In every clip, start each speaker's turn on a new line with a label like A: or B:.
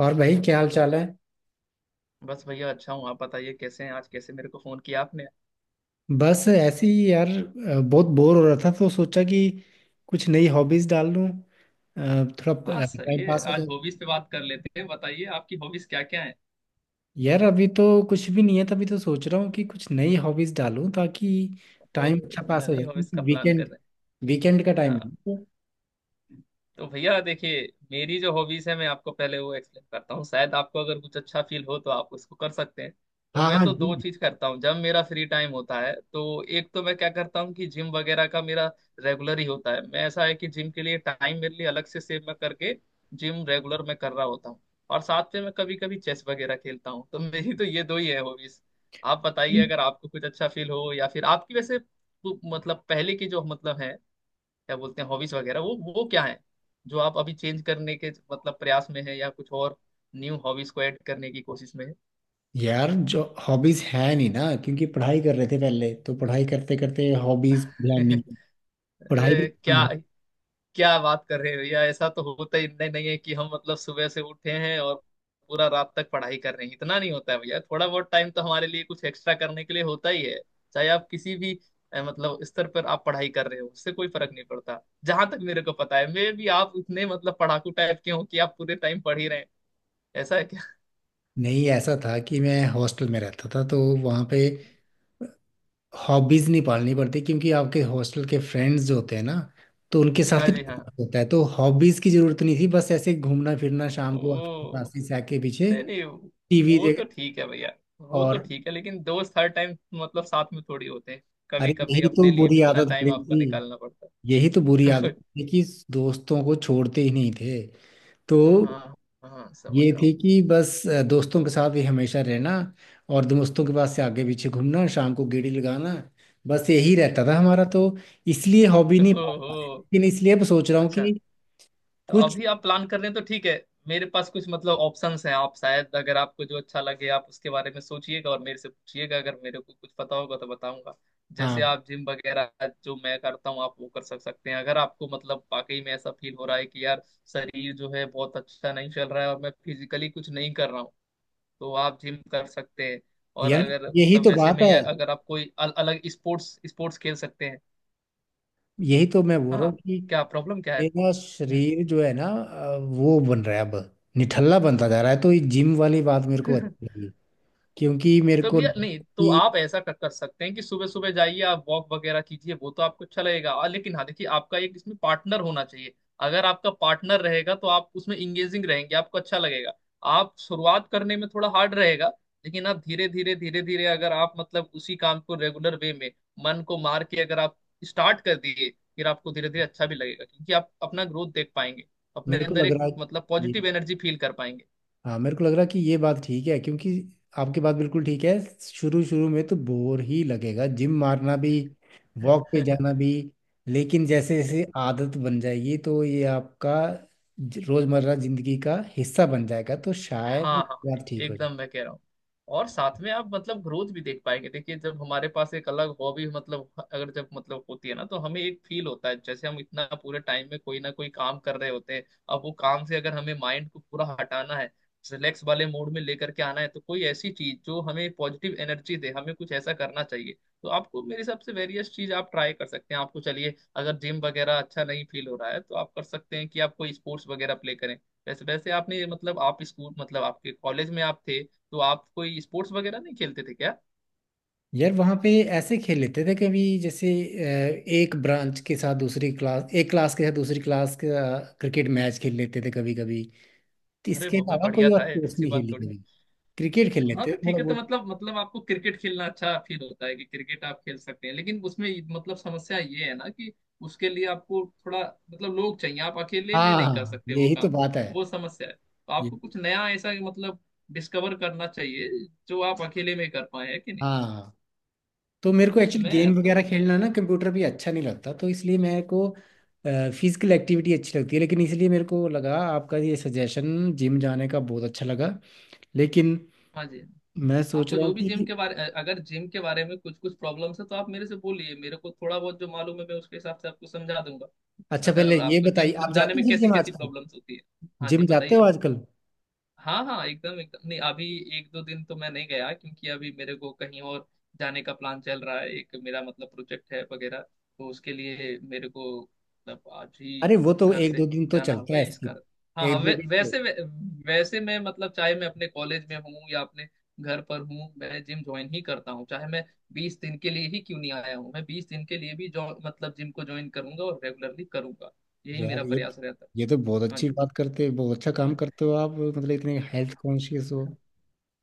A: और भाई, क्या हाल चाल है।
B: बस भैया अच्छा हूँ। आप बताइए कैसे हैं? आज कैसे मेरे को फोन किया आपने?
A: बस ऐसे ही यार, बहुत बोर हो रहा था तो सोचा कि कुछ नई हॉबीज डाल लूं।
B: हाँ,
A: थोड़ा
B: सही
A: टाइम
B: है।
A: पास हो
B: आज
A: जाए।
B: हॉबीज पे बात कर लेते हैं। बताइए आपकी हॉबीज क्या क्या है?
A: यार, अभी तो कुछ भी नहीं है, तभी तो सोच रहा हूँ कि कुछ नई हॉबीज डालूं ताकि
B: ओ,
A: टाइम अच्छा पास हो
B: नई
A: जाए,
B: हॉबीज
A: क्योंकि
B: का प्लान कर
A: वीकेंड वीकेंड का
B: रहे हैं?
A: टाइम है
B: हाँ।
A: तो।
B: तो भैया देखिए, मेरी जो हॉबीज है मैं आपको पहले वो एक्सप्लेन करता हूँ, शायद आपको अगर कुछ अच्छा फील हो तो आप उसको कर सकते हैं। तो
A: हाँ,
B: मैं
A: हाँ
B: तो दो
A: जी।
B: चीज करता हूँ, जब मेरा फ्री टाइम होता है तो एक तो मैं क्या करता हूँ कि जिम वगैरह का मेरा रेगुलर ही होता है। मैं ऐसा है कि जिम के लिए टाइम मेरे लिए अलग से सेव मैं करके जिम रेगुलर मैं कर रहा होता हूँ। और साथ में मैं कभी कभी चेस वगैरह खेलता हूँ, तो मेरी तो ये दो ही है हॉबीज। आप बताइए अगर आपको कुछ अच्छा फील हो, या फिर आपकी वैसे मतलब पहले की जो मतलब है क्या बोलते हैं हॉबीज वगैरह वो क्या है जो आप अभी चेंज करने के मतलब प्रयास में है या कुछ और, न्यू हॉबीज को ऐड करने की कोशिश में
A: यार, जो हॉबीज है नहीं ना, क्योंकि पढ़ाई कर रहे थे पहले, तो पढ़ाई करते करते हॉबीज ध्यान नहीं।
B: है।
A: पढ़ाई भी।
B: ए, क्या क्या बात कर रहे हो भैया? ऐसा तो होता ही नहीं। नहीं है कि हम मतलब सुबह से उठे हैं और पूरा रात तक पढ़ाई कर रहे हैं, इतना नहीं होता है भैया। थोड़ा बहुत टाइम तो हमारे लिए कुछ एक्स्ट्रा करने के लिए होता ही है, चाहे आप किसी भी मतलब स्तर पर आप पढ़ाई कर रहे हो उससे कोई फर्क नहीं पड़ता। जहां तक मेरे को पता है मे भी आप इतने मतलब पढ़ाकू टाइप के हो कि आप पूरे टाइम पढ़ ही रहे हैं, ऐसा है क्या?
A: नहीं, ऐसा था कि मैं हॉस्टल में रहता था तो वहाँ पे हॉबीज नहीं पालनी पड़ती, क्योंकि आपके हॉस्टल के फ्रेंड्स जो होते हैं ना, तो उनके साथ
B: हाँ
A: ही
B: जी
A: टाइम
B: हाँ।
A: पास होता है तो हॉबीज की जरूरत नहीं थी। बस ऐसे घूमना फिरना, शाम को आपकी
B: ओ,
A: क्लासेस से आके पीछे
B: नहीं नहीं।
A: टीवी
B: वो
A: देख।
B: तो ठीक है भैया, वो तो
A: और
B: ठीक है, लेकिन दोस्त हर टाइम मतलब साथ में थोड़ी होते हैं। कभी
A: अरे,
B: कभी
A: यही तो
B: अपने लिए
A: बुरी
B: भी इतना
A: आदत
B: टाइम
A: पड़ी
B: आपको
A: थी।
B: निकालना पड़ता
A: यही तो बुरी आदत
B: है।
A: थी कि दोस्तों को छोड़ते ही नहीं थे तो।
B: हाँ हाँ, समझ
A: ये
B: रहा हूँ।
A: थी कि बस दोस्तों के साथ ही हमेशा रहना, और दोस्तों के पास से आगे पीछे घूमना, शाम को गेड़ी लगाना, बस यही रहता था हमारा। तो इसलिए हॉबी नहीं पाल
B: ओहो,
A: पाए, लेकिन इसलिए अब सोच रहा हूँ
B: अच्छा।
A: कि
B: तो
A: कुछ।
B: अभी आप प्लान कर रहे हैं तो ठीक है। मेरे पास कुछ मतलब ऑप्शंस हैं, आप शायद अगर आपको जो अच्छा लगे आप उसके बारे में सोचिएगा और मेरे से पूछिएगा, अगर मेरे को कुछ पता होगा तो बताऊंगा।
A: हाँ।
B: जैसे आप जिम वगैरह जो मैं करता हूँ आप वो कर सक सकते हैं, अगर आपको मतलब वाकई में ऐसा फील हो रहा है कि यार शरीर जो है बहुत अच्छा नहीं चल रहा है और मैं फिजिकली कुछ नहीं कर रहा हूँ तो आप जिम कर सकते हैं। और
A: यार,
B: अगर
A: यही
B: मतलब
A: तो
B: वैसे
A: बात
B: में
A: है।
B: ये अगर आप कोई अल अलग स्पोर्ट्स स्पोर्ट्स खेल सकते हैं।
A: यही तो मैं बोल रहा हूँ
B: हाँ,
A: कि
B: क्या प्रॉब्लम क्या है?
A: मेरा
B: हम्म।
A: शरीर जो है ना, वो बन रहा है अब। निठल्ला बनता जा रहा है, तो ये जिम वाली बात मेरे को अच्छी लगी, क्योंकि मेरे
B: तो
A: को,
B: भैया नहीं तो
A: कि
B: आप ऐसा कर सकते हैं कि सुबह सुबह जाइए आप वॉक वगैरह कीजिए, वो तो आपको अच्छा लगेगा। और लेकिन हाँ, देखिए, आपका एक इसमें पार्टनर होना चाहिए। अगर आपका पार्टनर रहेगा तो आप उसमें इंगेजिंग रहेंगे, आपको अच्छा लगेगा। आप शुरुआत करने में थोड़ा हार्ड रहेगा, लेकिन आप धीरे धीरे धीरे धीरे अगर आप मतलब उसी काम को रेगुलर वे में मन को मार के अगर आप स्टार्ट कर दिए, फिर आपको धीरे धीरे अच्छा भी लगेगा क्योंकि आप अपना ग्रोथ देख पाएंगे, अपने
A: मेरे को
B: अंदर
A: लग
B: एक
A: रहा
B: मतलब
A: है।
B: पॉजिटिव एनर्जी फील कर
A: हाँ, मेरे को लग रहा कि ये बात ठीक है, क्योंकि आपकी बात बिल्कुल ठीक है। शुरू शुरू में तो बोर ही लगेगा, जिम मारना भी, वॉक पे
B: पाएंगे।
A: जाना भी। लेकिन जैसे जैसे आदत बन जाएगी तो ये आपका रोजमर्रा जिंदगी का हिस्सा बन जाएगा, तो शायद
B: हाँ हाँ,
A: बात ठीक हो जाए।
B: एकदम मैं कह रहा हूँ। और साथ में आप मतलब ग्रोथ भी देख पाएंगे। देखिए, जब हमारे पास एक अलग हॉबी मतलब अगर जब मतलब होती है ना तो हमें एक फील होता है, जैसे हम इतना पूरे टाइम में कोई ना कोई काम कर रहे होते हैं। अब वो काम से अगर हमें माइंड को पूरा हटाना है, रिलैक्स वाले मूड में लेकर के आना है, तो कोई ऐसी चीज जो हमें पॉजिटिव एनर्जी दे, हमें कुछ ऐसा करना चाहिए। तो आपको मेरे हिसाब से वेरियस चीज आप ट्राई कर सकते हैं। आपको चलिए, अगर जिम वगैरह अच्छा नहीं फील हो रहा है तो आप कर सकते हैं कि आप कोई स्पोर्ट्स वगैरह प्ले करें। वैसे वैसे आपने मतलब आप स्कूल मतलब आपके कॉलेज में आप थे तो आप कोई स्पोर्ट्स वगैरह नहीं खेलते थे क्या?
A: यार, वहाँ पे ऐसे खेल लेते थे कभी, जैसे एक ब्रांच के साथ दूसरी क्लास, एक क्लास के साथ दूसरी क्लास का क्रिकेट मैच खेल लेते थे कभी कभी।
B: अरे
A: इसके
B: वो भी
A: अलावा कोई
B: बढ़िया था,
A: और स्पोर्ट्स
B: ऐसी
A: नहीं
B: बात
A: खेली
B: थोड़ी।
A: कभी। क्रिकेट खेल
B: हाँ,
A: लेते थे
B: तो ठीक
A: थोड़ा
B: है। तो
A: बहुत।
B: मतलब मतलब आपको क्रिकेट खेलना अच्छा फील होता है कि क्रिकेट आप खेल सकते हैं, लेकिन उसमें मतलब समस्या ये है ना कि उसके लिए आपको थोड़ा मतलब लोग चाहिए, आप अकेले में नहीं कर
A: हाँ,
B: सकते वो
A: यही तो
B: काम,
A: बात है।
B: वो समस्या है। तो
A: ये।
B: आपको कुछ नया ऐसा मतलब डिस्कवर करना चाहिए जो आप अकेले में कर पाए है कि नहीं।
A: हाँ, तो मेरे को
B: तो
A: एक्चुअली
B: मैं
A: गेम वगैरह
B: तो
A: खेलना ना, कंप्यूटर भी अच्छा नहीं लगता, तो इसलिए मेरे को फिजिकल एक्टिविटी अच्छी लगती है, लेकिन इसलिए मेरे को लगा आपका ये सजेशन जिम जाने का बहुत अच्छा लगा। लेकिन
B: हाँ जी,
A: मैं सोच
B: आपको
A: रहा
B: जो
A: हूँ
B: भी जिम
A: कि
B: के बारे अगर जिम के बारे में कुछ कुछ प्रॉब्लम्स है तो आप मेरे से बोलिए, मेरे को थोड़ा बहुत जो मालूम है मैं उसके हिसाब से आपको समझा दूंगा।
A: अच्छा, पहले
B: अगर
A: ये
B: आपको
A: बताइए,
B: जिम
A: आप
B: जाने
A: जाते हो
B: में
A: फिर
B: कैसी
A: जिम
B: कैसी
A: आजकल?
B: प्रॉब्लम्स होती है। हाँ जी,
A: जिम जाते
B: बताइए।
A: हो आजकल?
B: हाँ हाँ, एकदम एकदम। नहीं अभी एक दो दिन तो मैं नहीं गया क्योंकि अभी मेरे को कहीं और जाने का प्लान चल रहा है, एक मेरा मतलब प्रोजेक्ट है वगैरह, तो उसके लिए मेरे को मतलब आज ही
A: अरे, वो तो
B: घर
A: एक
B: से
A: दो दिन तो
B: जाना
A: चलता
B: होगा
A: है
B: इस
A: स्किप।
B: कारण। हाँ हाँ,
A: एक दो दिन तो।
B: वैसे मैं मतलब चाहे मैं अपने कॉलेज में हूँ या अपने घर पर हूँ, मैं जिम ज्वाइन ही करता हूँ। चाहे मैं 20 दिन के लिए ही क्यों नहीं आया हूँ, मैं 20 दिन के लिए भी जो मतलब जिम को ज्वाइन करूंगा और रेगुलरली करूंगा, यही मेरा
A: यार, ये
B: प्रयास रहता है।
A: ये तो बहुत
B: हाँ
A: अच्छी
B: जी
A: बात करते हो, बहुत अच्छा काम करते हो आप, मतलब इतने हेल्थ कॉन्शियस हो।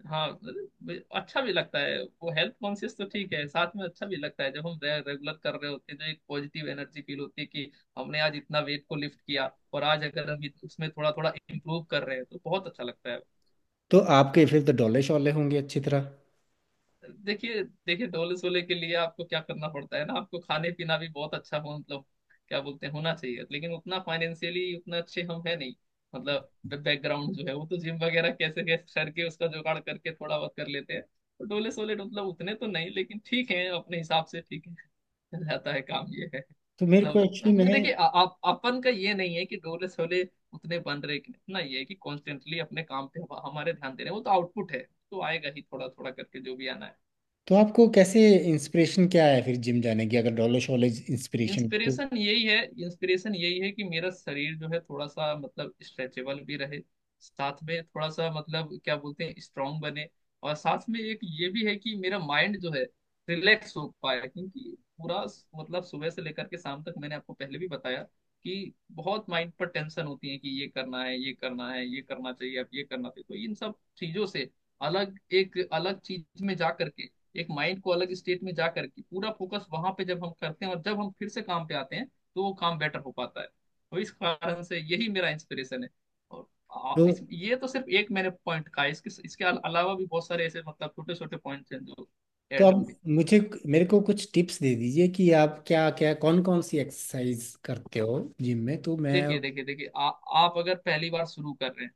B: हाँ। अरे भाई, अच्छा भी लगता है वो। हेल्थ कॉन्शियस तो ठीक है, साथ में अच्छा भी लगता है जब हम रेगुलर कर रहे होते हैं तो एक पॉजिटिव एनर्जी फील होती है कि हमने आज इतना वेट को लिफ्ट किया, और आज अगर हम उसमें थोड़ा थोड़ा इम्प्रूव कर रहे हैं तो बहुत अच्छा लगता है।
A: तो आपके फिर तो डोले शोले होंगे अच्छी तरह।
B: देखिए देखिए, ढोले सोले के लिए आपको क्या करना पड़ता है ना, आपको खाने पीना भी बहुत अच्छा हो मतलब क्या बोलते हैं होना चाहिए, लेकिन उतना फाइनेंशियली उतना अच्छे हम है नहीं। मतलब बैकग्राउंड जो है वो तो जिम वगैरह कैसे कैसे करके उसका जुगाड़ करके थोड़ा बहुत कर लेते हैं, तो डोले सोले मतलब उतने तो नहीं, लेकिन ठीक है अपने हिसाब से ठीक है। चल जाता है काम ये है।
A: तो मेरे को एक्चुअली
B: मतलब मैं
A: मैं।
B: देखिए आप अपन का ये नहीं है कि डोले सोले उतने बन रहे, कि इतना ये है कि कॉन्स्टेंटली अपने काम पे हमारे ध्यान दे रहे हैं वो तो आउटपुट है, तो आएगा ही थोड़ा थोड़ा करके जो भी आना है।
A: तो आपको कैसे, इंस्पिरेशन क्या है फिर जिम जाने की, अगर डोले शोले इंस्पिरेशन है तो?
B: इंस्पिरेशन यही है, इंस्पिरेशन यही है कि मेरा शरीर जो है थोड़ा सा मतलब स्ट्रेचेबल भी रहे, साथ में थोड़ा सा मतलब क्या बोलते हैं स्ट्रांग बने। और साथ में एक ये भी है कि मेरा माइंड जो है रिलैक्स हो पाए, क्योंकि पूरा मतलब सुबह से लेकर के शाम तक मैंने आपको पहले भी बताया कि बहुत माइंड पर टेंशन होती है कि ये करना है, ये करना है, ये करना चाहिए, अब ये करना चाहिए। तो इन सब चीजों से अलग एक अलग चीज में जा करके एक माइंड को अलग स्टेट में जा करके पूरा फोकस वहां पे जब हम करते हैं और जब हम फिर से काम पे आते हैं तो वो काम बेटर हो पाता है, तो इस कारण से यही मेरा इंस्पिरेशन है। और
A: तो
B: इस ये तो सिर्फ एक मैंने पॉइंट कहा, इसके इसके अलावा भी बहुत सारे ऐसे मतलब छोटे छोटे पॉइंट्स हैं जो
A: तो
B: ऐड
A: आप
B: होंगे।
A: मुझे, मेरे को कुछ टिप्स दे दीजिए कि आप क्या क्या, कौन कौन सी एक्सरसाइज करते हो जिम में, तो मैं।
B: देखिए देखिए देखिए आप अगर पहली बार शुरू कर रहे हैं,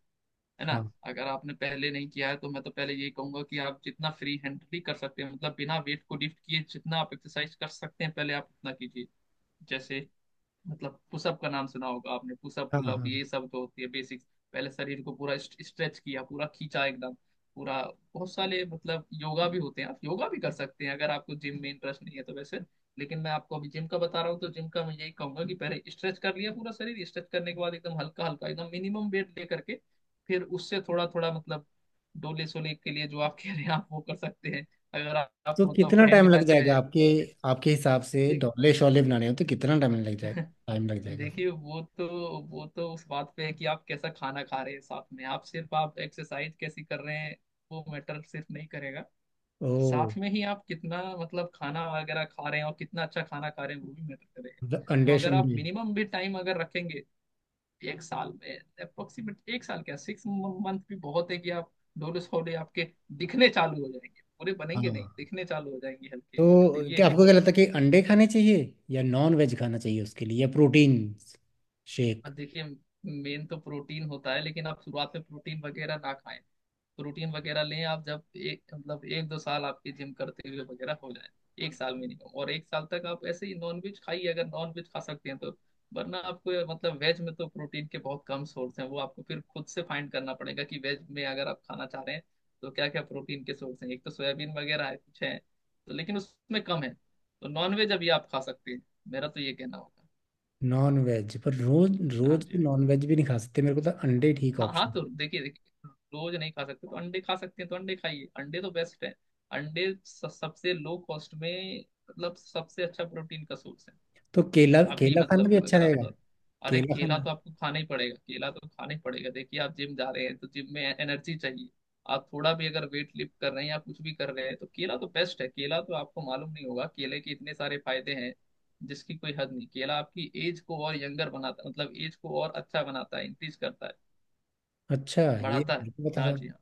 B: है ना?
A: हाँ,
B: अगर आपने पहले नहीं किया है तो मैं तो पहले यही कहूंगा कि आप जितना फ्री हैंडली कर सकते हैं मतलब बिना वेट को लिफ्ट किए जितना आप एक्सरसाइज कर सकते हैं पहले आप उतना कीजिए। जैसे मतलब पुशअप का नाम सुना होगा आपने, पुशअप
A: हाँ,
B: पुलअप
A: हाँ।
B: ये सब जो होती है बेसिक्स। पहले शरीर को पूरा स्ट्रेच किया, पूरा खींचा एकदम पूरा। बहुत सारे मतलब योगा भी होते हैं, आप योगा भी कर सकते हैं अगर आपको जिम में इंटरेस्ट नहीं है तो वैसे, लेकिन मैं आपको अभी जिम का बता रहा हूँ तो जिम का मैं यही कहूंगा कि पहले स्ट्रेच कर लिया, पूरा शरीर स्ट्रेच करने के बाद एकदम हल्का हल्का एकदम मिनिमम वेट ले करके, फिर उससे थोड़ा थोड़ा मतलब डोले सोले के लिए जो आप कह रहे हैं आप वो कर सकते हैं। अगर
A: तो
B: आपको मतलब
A: कितना टाइम
B: हैंड का
A: लग
B: जो
A: जाएगा
B: है
A: आपके, आपके हिसाब से
B: देख
A: डोले शोले बनाने हो तो कितना टाइम लग जाएगा? टाइम लग जाएगा?
B: देखिए, वो तो उस बात पे है कि आप कैसा खाना खा रहे हैं, साथ में आप सिर्फ आप एक्सरसाइज कैसी कर रहे हैं वो मैटर सिर्फ नहीं करेगा,
A: ओह।
B: साथ में ही आप कितना मतलब खाना वगैरह खा रहे हैं और कितना अच्छा खाना खा रहे हैं वो भी मैटर करेगा। तो
A: अंडे
B: अगर आप
A: शंडे?
B: मिनिमम भी टाइम अगर रखेंगे, एक साल में अप्रोक्सीमेट एक साल क्या 6 मंथ भी बहुत है कि आप डोले सोले आपके दिखने चालू हो जाएंगे, पूरे बनेंगे नहीं
A: हाँ,
B: दिखने चालू हो जाएंगे हल्के हल्के, तो
A: तो
B: ये
A: क्या
B: है।
A: आपको क्या लगता है कि अंडे खाने चाहिए या नॉन वेज खाना चाहिए उसके लिए, या प्रोटीन शेक?
B: और देखिए, मेन तो प्रोटीन होता है लेकिन आप शुरुआत में प्रोटीन वगैरह ना खाएं, प्रोटीन वगैरह लें आप जब एक मतलब एक दो साल आपके जिम करते हुए वगैरह हो जाए, एक साल मिनिमम। और एक साल तक आप ऐसे ही नॉन वेज खाइए अगर नॉन वेज खा सकते हैं तो, वरना आपको मतलब वेज में तो प्रोटीन के बहुत कम सोर्स हैं, वो आपको फिर खुद से फाइंड करना पड़ेगा कि वेज में अगर आप खाना चाह रहे हैं तो क्या क्या प्रोटीन के सोर्स हैं। एक तो सोयाबीन वगैरह है, कुछ है तो, लेकिन उसमें कम है तो नॉन वेज अभी आप खा सकते हैं, मेरा तो ये कहना होगा।
A: नॉन वेज पर रोज
B: हाँ
A: रोज तो
B: जी,
A: नॉन वेज भी नहीं खा सकते, मेरे को तो अंडे ठीक
B: हाँ हाँ,
A: ऑप्शन।
B: तो देखिए देखिए, रोज नहीं खा सकते तो अंडे खा सकते हैं, तो अंडे खाइए, अंडे तो बेस्ट है। अंडे सबसे लो कॉस्ट में मतलब सबसे अच्छा प्रोटीन का सोर्स है।
A: तो केला,
B: अभी
A: केला खाना
B: मतलब
A: भी अच्छा
B: अगर आप,
A: रहेगा?
B: अरे
A: केला
B: केला
A: खाना
B: तो आपको खाना ही पड़ेगा, केला तो खाना ही पड़ेगा। देखिए आप जिम जा रहे हैं तो जिम में एनर्जी चाहिए, आप थोड़ा भी अगर वेट लिफ्ट कर रहे हैं या कुछ भी कर रहे हैं तो केला तो बेस्ट है। केला तो आपको मालूम नहीं होगा, केले के इतने सारे फायदे हैं जिसकी कोई हद नहीं। केला आपकी एज को और यंगर बनाता मतलब एज को और अच्छा बनाता है, इंक्रीज करता है,
A: अच्छा। ये
B: बढ़ाता है।
A: मेरे को पता
B: हाँ
A: था।
B: जी हाँ,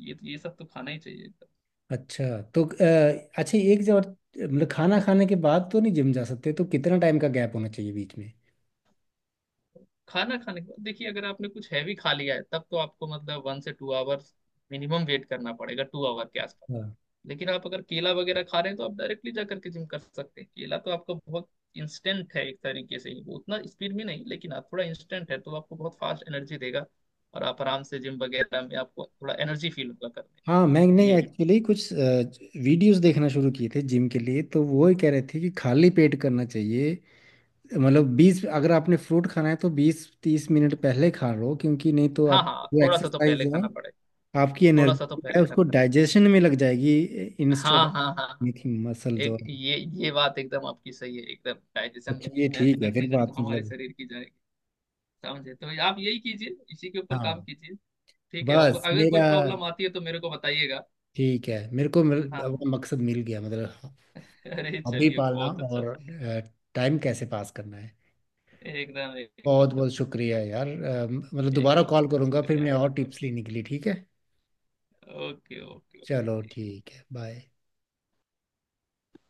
B: ये सब तो खाना ही चाहिए एकदम।
A: अच्छा, तो अच्छा, एक जो और, मतलब खाना खाने के बाद तो नहीं जिम जा सकते, तो कितना टाइम का गैप होना चाहिए बीच में?
B: खाना खाने के बाद देखिए, अगर आपने कुछ हैवी खा लिया है तब तो आपको मतलब 1 से 2 आवर्स मिनिमम वेट करना पड़ेगा, 2 आवर के आसपास।
A: हाँ,
B: लेकिन आप अगर केला वगैरह खा रहे हैं तो आप डायरेक्टली जा करके जिम कर सकते हैं, केला तो आपका बहुत इंस्टेंट है एक तरीके से ही, वो उतना स्पीड में नहीं लेकिन आप थोड़ा इंस्टेंट है तो आपको बहुत फास्ट एनर्जी देगा और आप आराम से जिम वगैरह में आपको थोड़ा एनर्जी फील होगा करने।
A: हाँ। मैं नहीं,
B: ये है।
A: एक्चुअली कुछ वीडियोस देखना शुरू किए थे जिम के लिए, तो वो ही कह रहे थे कि खाली पेट करना चाहिए। मतलब बीस अगर आपने फ्रूट खाना है तो 20-30 मिनट पहले खा लो, क्योंकि नहीं तो
B: हाँ
A: आप,
B: हाँ,
A: जो
B: थोड़ा सा तो
A: एक्सरसाइज
B: पहले
A: है,
B: खाना पड़ेगा,
A: आपकी
B: थोड़ा सा तो
A: एनर्जी है,
B: पहले खाना।
A: उसको डाइजेशन में लग जाएगी। इंस्टेड
B: हाँ हाँ हाँ हाँ।
A: Of muscles.
B: एक
A: और
B: ये बात एकदम आपकी सही है एकदम, डाइजेशन
A: अच्छा,
B: में भी
A: ये ठीक है
B: भयंकर
A: फिर,
B: चीजें तो
A: बात
B: हमारे
A: मतलब।
B: शरीर की जाएगी। समझे तो आप यही कीजिए, इसी के ऊपर काम
A: हाँ,
B: कीजिए। ठीक है, और
A: बस
B: अगर कोई
A: मेरा,
B: प्रॉब्लम आती है तो मेरे को बताइएगा।
A: ठीक है, मेरे को
B: हाँ हाँ,
A: अपना मकसद मिल गया, मतलब
B: अरे
A: हॉबी
B: चलिए,
A: पालना
B: बहुत अच्छा।
A: और टाइम कैसे पास करना है।
B: एकदम
A: बहुत
B: एकदम।
A: बहुत शुक्रिया
B: चलिए,
A: यार, मतलब दोबारा
B: एकदम
A: कॉल
B: एकदम
A: करूंगा फिर
B: शुक्रिया
A: मैं,
B: आपका।
A: और टिप्स लेने के लिए, ठीक है।
B: ओके ओके
A: चलो,
B: ओके।
A: ठीक है, बाय।